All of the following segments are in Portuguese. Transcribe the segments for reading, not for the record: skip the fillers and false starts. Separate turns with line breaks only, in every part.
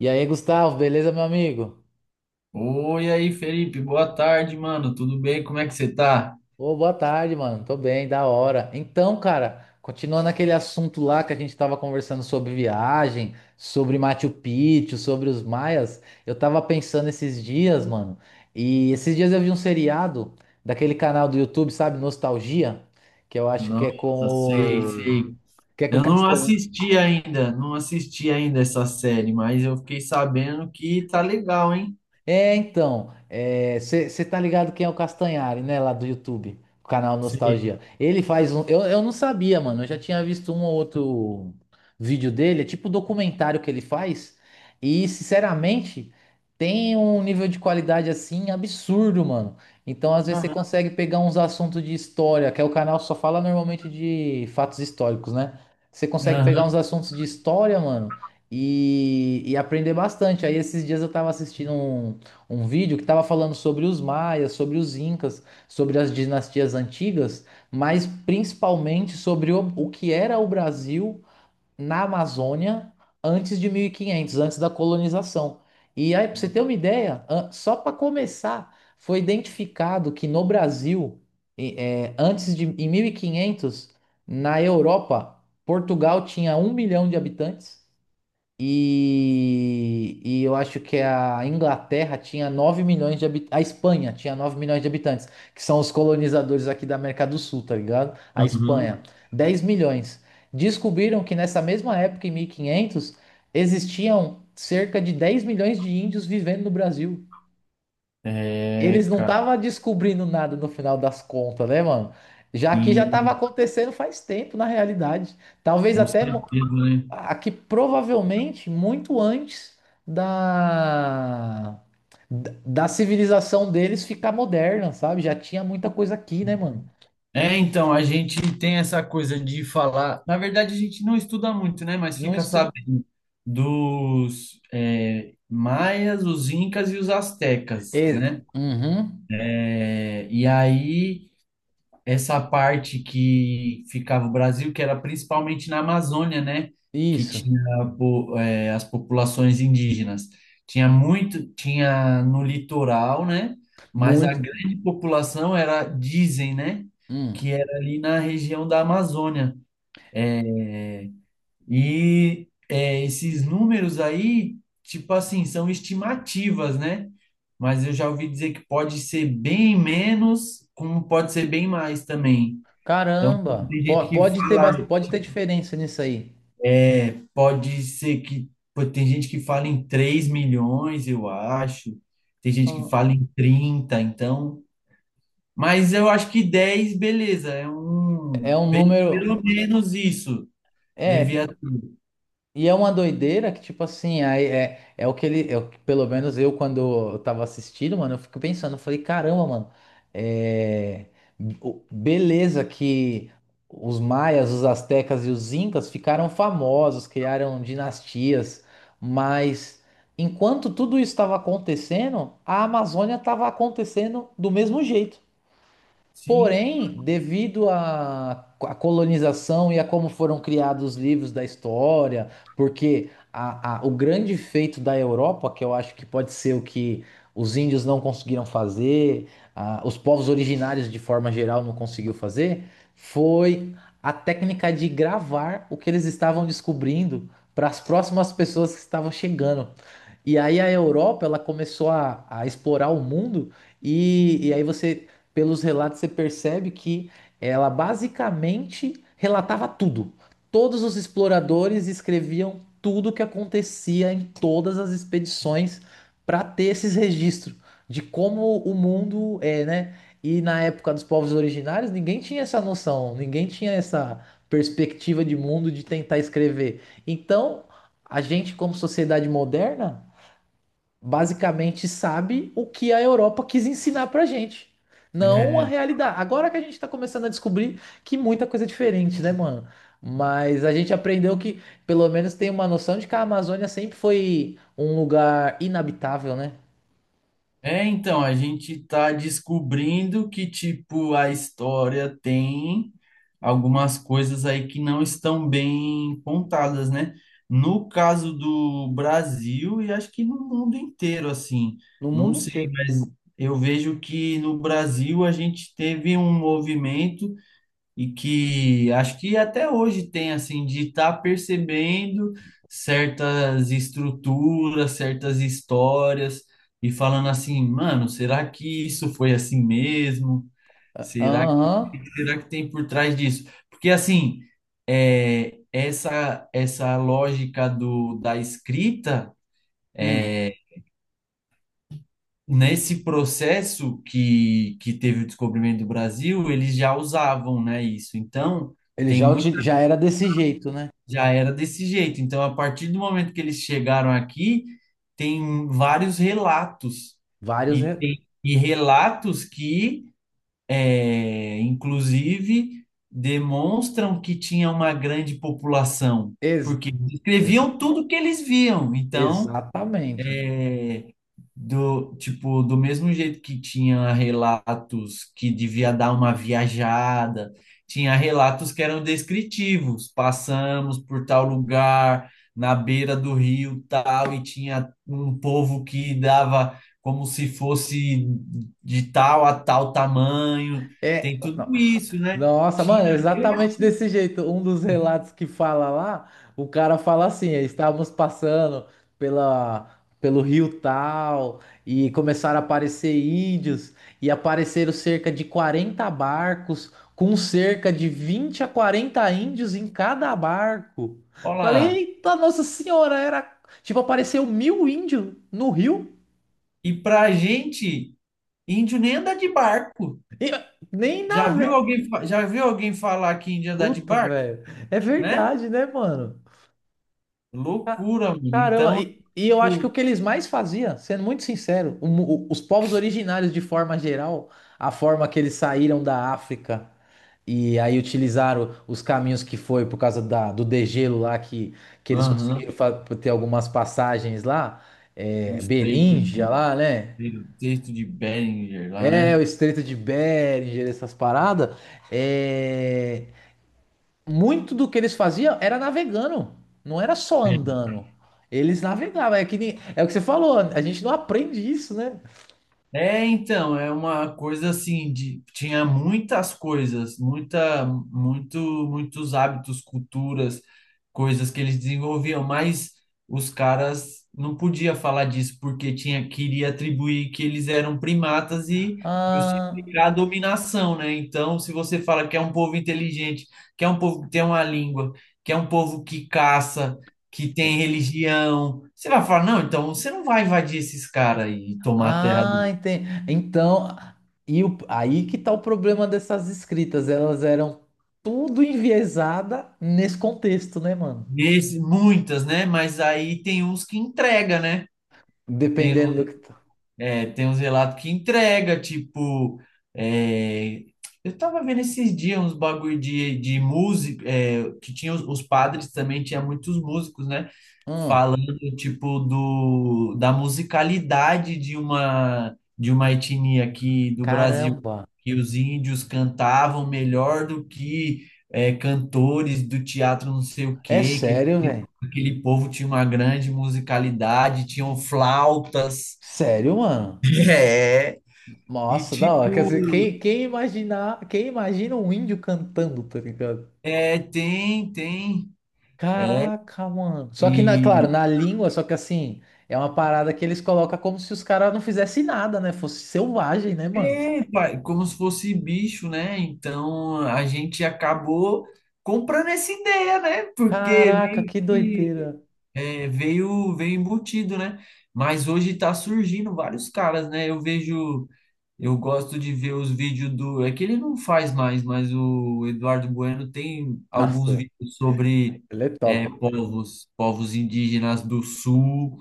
E aí, Gustavo, beleza, meu amigo?
Oi aí, Felipe, boa tarde, mano. Tudo bem? Como é que você tá?
Ô, boa tarde, mano. Tô bem, da hora. Então, cara, continuando aquele assunto lá que a gente tava conversando sobre viagem, sobre Machu Picchu, sobre os maias, eu tava pensando esses dias, mano. E esses dias eu vi um seriado daquele canal do YouTube, sabe, Nostalgia, que eu acho que é com
Nossa, sei,
o
sei.
que é com o
Eu não
Castanhari.
assisti ainda, essa série, mas eu fiquei sabendo que tá legal, hein?
É, então, você tá ligado quem é o Castanhari, né? Lá do YouTube, o canal
Sei.
Nostalgia. Ele faz um. Eu não sabia, mano. Eu já tinha visto um ou outro vídeo dele, é tipo um documentário que ele faz. E, sinceramente, tem um nível de qualidade assim absurdo, mano. Então, às vezes, você
Aham,
consegue pegar uns assuntos de história, que é o canal só fala normalmente de fatos históricos, né? Você consegue pegar uns
aham,
assuntos de história, mano e aprender bastante. Aí esses dias eu tava assistindo um vídeo que estava falando sobre os maias, sobre os incas, sobre as dinastias antigas, mas principalmente sobre o que era o Brasil na Amazônia antes de 1500, antes da colonização. E aí, para você ter uma ideia, só para começar, foi identificado que no Brasil, antes de em 1500, na Europa, Portugal tinha 1 milhão de habitantes. E eu acho que a Inglaterra tinha 9 milhões de habitantes. A Espanha tinha 9 milhões de habitantes, que são os colonizadores aqui da América do Sul, tá ligado? A
aham.
Espanha, 10 milhões. Descobriram que nessa mesma época, em 1500, existiam cerca de 10 milhões de índios vivendo no Brasil. Eles
É,
não
cara,
estavam descobrindo nada no final das contas, né, mano? Já que já estava
sim,
acontecendo faz tempo, na realidade. Talvez
com
até
certeza, né?
aqui provavelmente muito antes da da civilização deles ficar moderna, sabe? Já tinha muita coisa aqui, né, mano?
É, então, a gente tem essa coisa de falar. Na verdade, a gente não estuda muito, né? Mas
Não
fica
estu...
sabendo dos maias, os incas e os astecas,
É,
né?
uhum,
É, e aí essa parte que ficava o Brasil, que era principalmente na Amazônia, né? Que
isso,
tinha as populações indígenas. Tinha muito, tinha no litoral, né? Mas a
muito.
grande população era, dizem, né? Que
Hum.
era ali na região da Amazônia. E esses números aí, tipo assim, são estimativas, né? Mas eu já ouvi dizer que pode ser bem menos, como pode ser bem mais também. Então,
Caramba,
tem gente que
pode ter,
fala,
pode ter diferença nisso aí.
pode ser que, pô, tem gente que fala em 3 milhões, eu acho, tem gente que
Ah,
fala em 30 então, mas eu acho que 10 beleza,
é um número.
pelo menos isso, devia,
É, e é uma doideira que, tipo assim, aí é, é o que ele. É o que, pelo menos eu, quando eu tava assistindo, mano, eu fico pensando, eu falei, caramba, mano, é, beleza que os maias, os astecas e os incas ficaram famosos, criaram dinastias, mas enquanto tudo isso estava acontecendo, a Amazônia estava acontecendo do mesmo jeito.
sim,
Porém, devido à colonização e a como foram criados os livros da história, porque o grande feito da Europa, que eu acho que pode ser o que os índios não conseguiram fazer, ah, os povos originários de forma geral não conseguiu fazer, foi a técnica de gravar o que eles estavam descobrindo para as próximas pessoas que estavam chegando. E aí a Europa, ela começou a explorar o mundo e aí você pelos relatos você percebe que ela basicamente relatava tudo. Todos os exploradores escreviam tudo o que acontecia em todas as expedições para ter esses registros de como o mundo é, né? E na época dos povos originários, ninguém tinha essa noção, ninguém tinha essa perspectiva de mundo de tentar escrever. Então, a gente, como sociedade moderna, basicamente sabe o que a Europa quis ensinar pra gente, não a
é.
realidade. Agora que a gente tá começando a descobrir que muita coisa é diferente, né, mano? Mas a gente aprendeu que pelo menos tem uma noção de que a Amazônia sempre foi um lugar inabitável, né?
É, então, a gente tá descobrindo que, tipo, a história tem algumas coisas aí que não estão bem contadas, né? No caso do Brasil e acho que no mundo inteiro, assim,
No
não
mundo
sei,
inteiro.
mas eu vejo que no Brasil a gente teve um movimento e que acho que até hoje tem assim de estar percebendo certas estruturas, certas histórias e falando assim, mano, será que isso foi assim mesmo?
Ah,
Será que
aham.
tem por trás disso? Porque assim, é, essa lógica do da escrita
Hum.
é, nesse processo que teve o descobrimento do Brasil, eles já usavam, né, isso. Então,
Ele
tem
já,
muito.
já era desse jeito, né?
Já era desse jeito. Então, a partir do momento que eles chegaram aqui, tem vários relatos.
Vários.
E tem e relatos que, é, inclusive, demonstram que tinha uma grande população,
Ex
porque
ex-
descreviam tudo que eles viam. Então,
exatamente.
é, do, tipo, do mesmo jeito que tinha relatos que devia dar uma viajada, tinha relatos que eram descritivos. Passamos por tal lugar, na beira do rio tal, e tinha um povo que dava como se fosse de tal a tal tamanho.
É,
Tem
não.
tudo isso, né?
Nossa, mano,
Tinha,
é exatamente desse jeito. Um dos relatos que fala lá, o cara fala assim: "É, estávamos passando pela, pelo rio tal e começaram a aparecer índios e apareceram cerca de 40 barcos com cerca de 20 a 40 índios em cada barco. Falei,
olá.
eita, Nossa Senhora, era tipo, apareceu 1000 índios no rio
E pra gente, índio nem anda de barco.
e nem
Já
na
viu
vé.
alguém, já viu alguém falar que índio anda de
Puta,
barco?
velho. É
Né?
verdade, né, mano?
Loucura, mano.
Caramba,
Então,
e eu acho que o
tipo,
que eles mais faziam, sendo muito sincero, os povos originários de forma geral, a forma que eles saíram da África e aí utilizaram os caminhos que foi por causa do degelo lá, que eles conseguiram
aham,
ter algumas passagens lá, é,
os
Beríngia lá, né?
treitos de Behringer lá,
É,
né?
o Estreito de Bering, essas paradas. É, muito do que eles faziam era navegando, não era só andando. Eles navegavam, é que nem- é o que você falou, a gente não aprende isso, né?
É, então, é uma coisa assim de tinha muitas coisas, muita muito muitos hábitos, culturas, coisas que eles desenvolviam, mas os caras não podia falar disso porque tinha queria atribuir que eles eram primatas e
Ah,
justificar a dominação, né? Então, se você fala que é um povo inteligente, que é um povo que tem uma língua, que é um povo que caça, que tem religião. Você vai falar, não, então você não vai invadir esses caras e tomar a terra.
ah, entendi. Então, aí que tá o problema dessas escritas, elas eram tudo enviesada nesse contexto, né, mano?
Nesse, muitas, né? Mas aí tem uns que entrega, né? Tem uns
Dependendo do que tá.
tem uns relatos que entrega, tipo, é, eu tava vendo esses dias uns bagulho de música, é, que tinha os padres também, tinha muitos músicos, né?
Hum,
Falando, tipo, do, da musicalidade de uma etnia aqui do Brasil,
caramba.
que os índios cantavam melhor do que é, cantores do teatro não sei o
É
quê, que eles
sério,
tinham-
velho?
aquele povo tinha uma grande musicalidade, tinham flautas.
Sério, mano?
É, e
Nossa, da hora. Quer
tipo,
dizer, quem imagina um índio cantando, tá ligado?
é, tem, tem.
Caraca, mano. Só que, na,
E
claro, na língua, só que assim, é uma parada que eles colocam como se os caras não fizessem nada, né? Fosse selvagem, né, mano?
tem, pai, como se fosse bicho, né? Então a gente acabou comprando essa ideia, né? Porque
Caraca,
meio
que
que
doideira.
é, veio embutido, né? Mas hoje tá surgindo vários caras, né? Eu vejo, eu gosto de ver os vídeos do. É que ele não faz mais, mas o Eduardo Bueno tem alguns
Nossa,
vídeos sobre
ele é top.
é, povos indígenas do sul,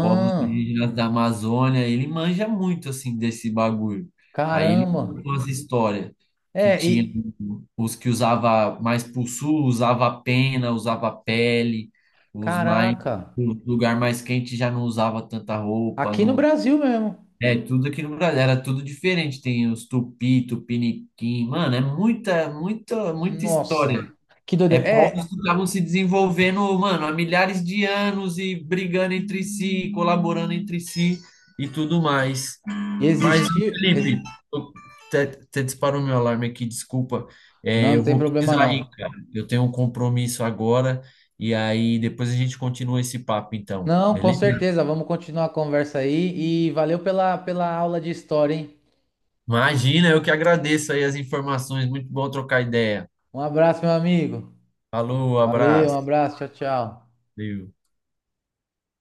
povos indígenas da Amazônia. Ele manja muito assim desse bagulho. Aí ele
caramba.
contou as histórias que
É,
tinha
e.
os que usava mais pro sul, usava pena, usava pele, os mais
Caraca.
o lugar mais quente já não usava tanta roupa,
Aqui no
não.
Brasil mesmo.
É, tudo aqui no Brasil era tudo diferente. Tem os tupi, tupiniquim, mano, é muita, muita, muita história.
Nossa, que
É
doideira.
povos
É,
que estavam se desenvolvendo, mano, há milhares de anos e brigando entre si, colaborando entre si e tudo mais.
e
Mas,
existir.
Felipe, eu- até disparou meu alarme aqui, desculpa. É,
Não, não
eu
tem
vou
problema
precisar ir,
não.
cara. Eu tenho um compromisso agora e aí depois a gente continua esse papo, então,
Não, com
beleza?
certeza. Vamos continuar a conversa aí. E valeu pela aula de história, hein?
Imagina, eu que agradeço aí as informações. Muito bom trocar ideia.
Um abraço, meu amigo.
Falou,
Valeu, um
abraço.
abraço, tchau, tchau.
Valeu.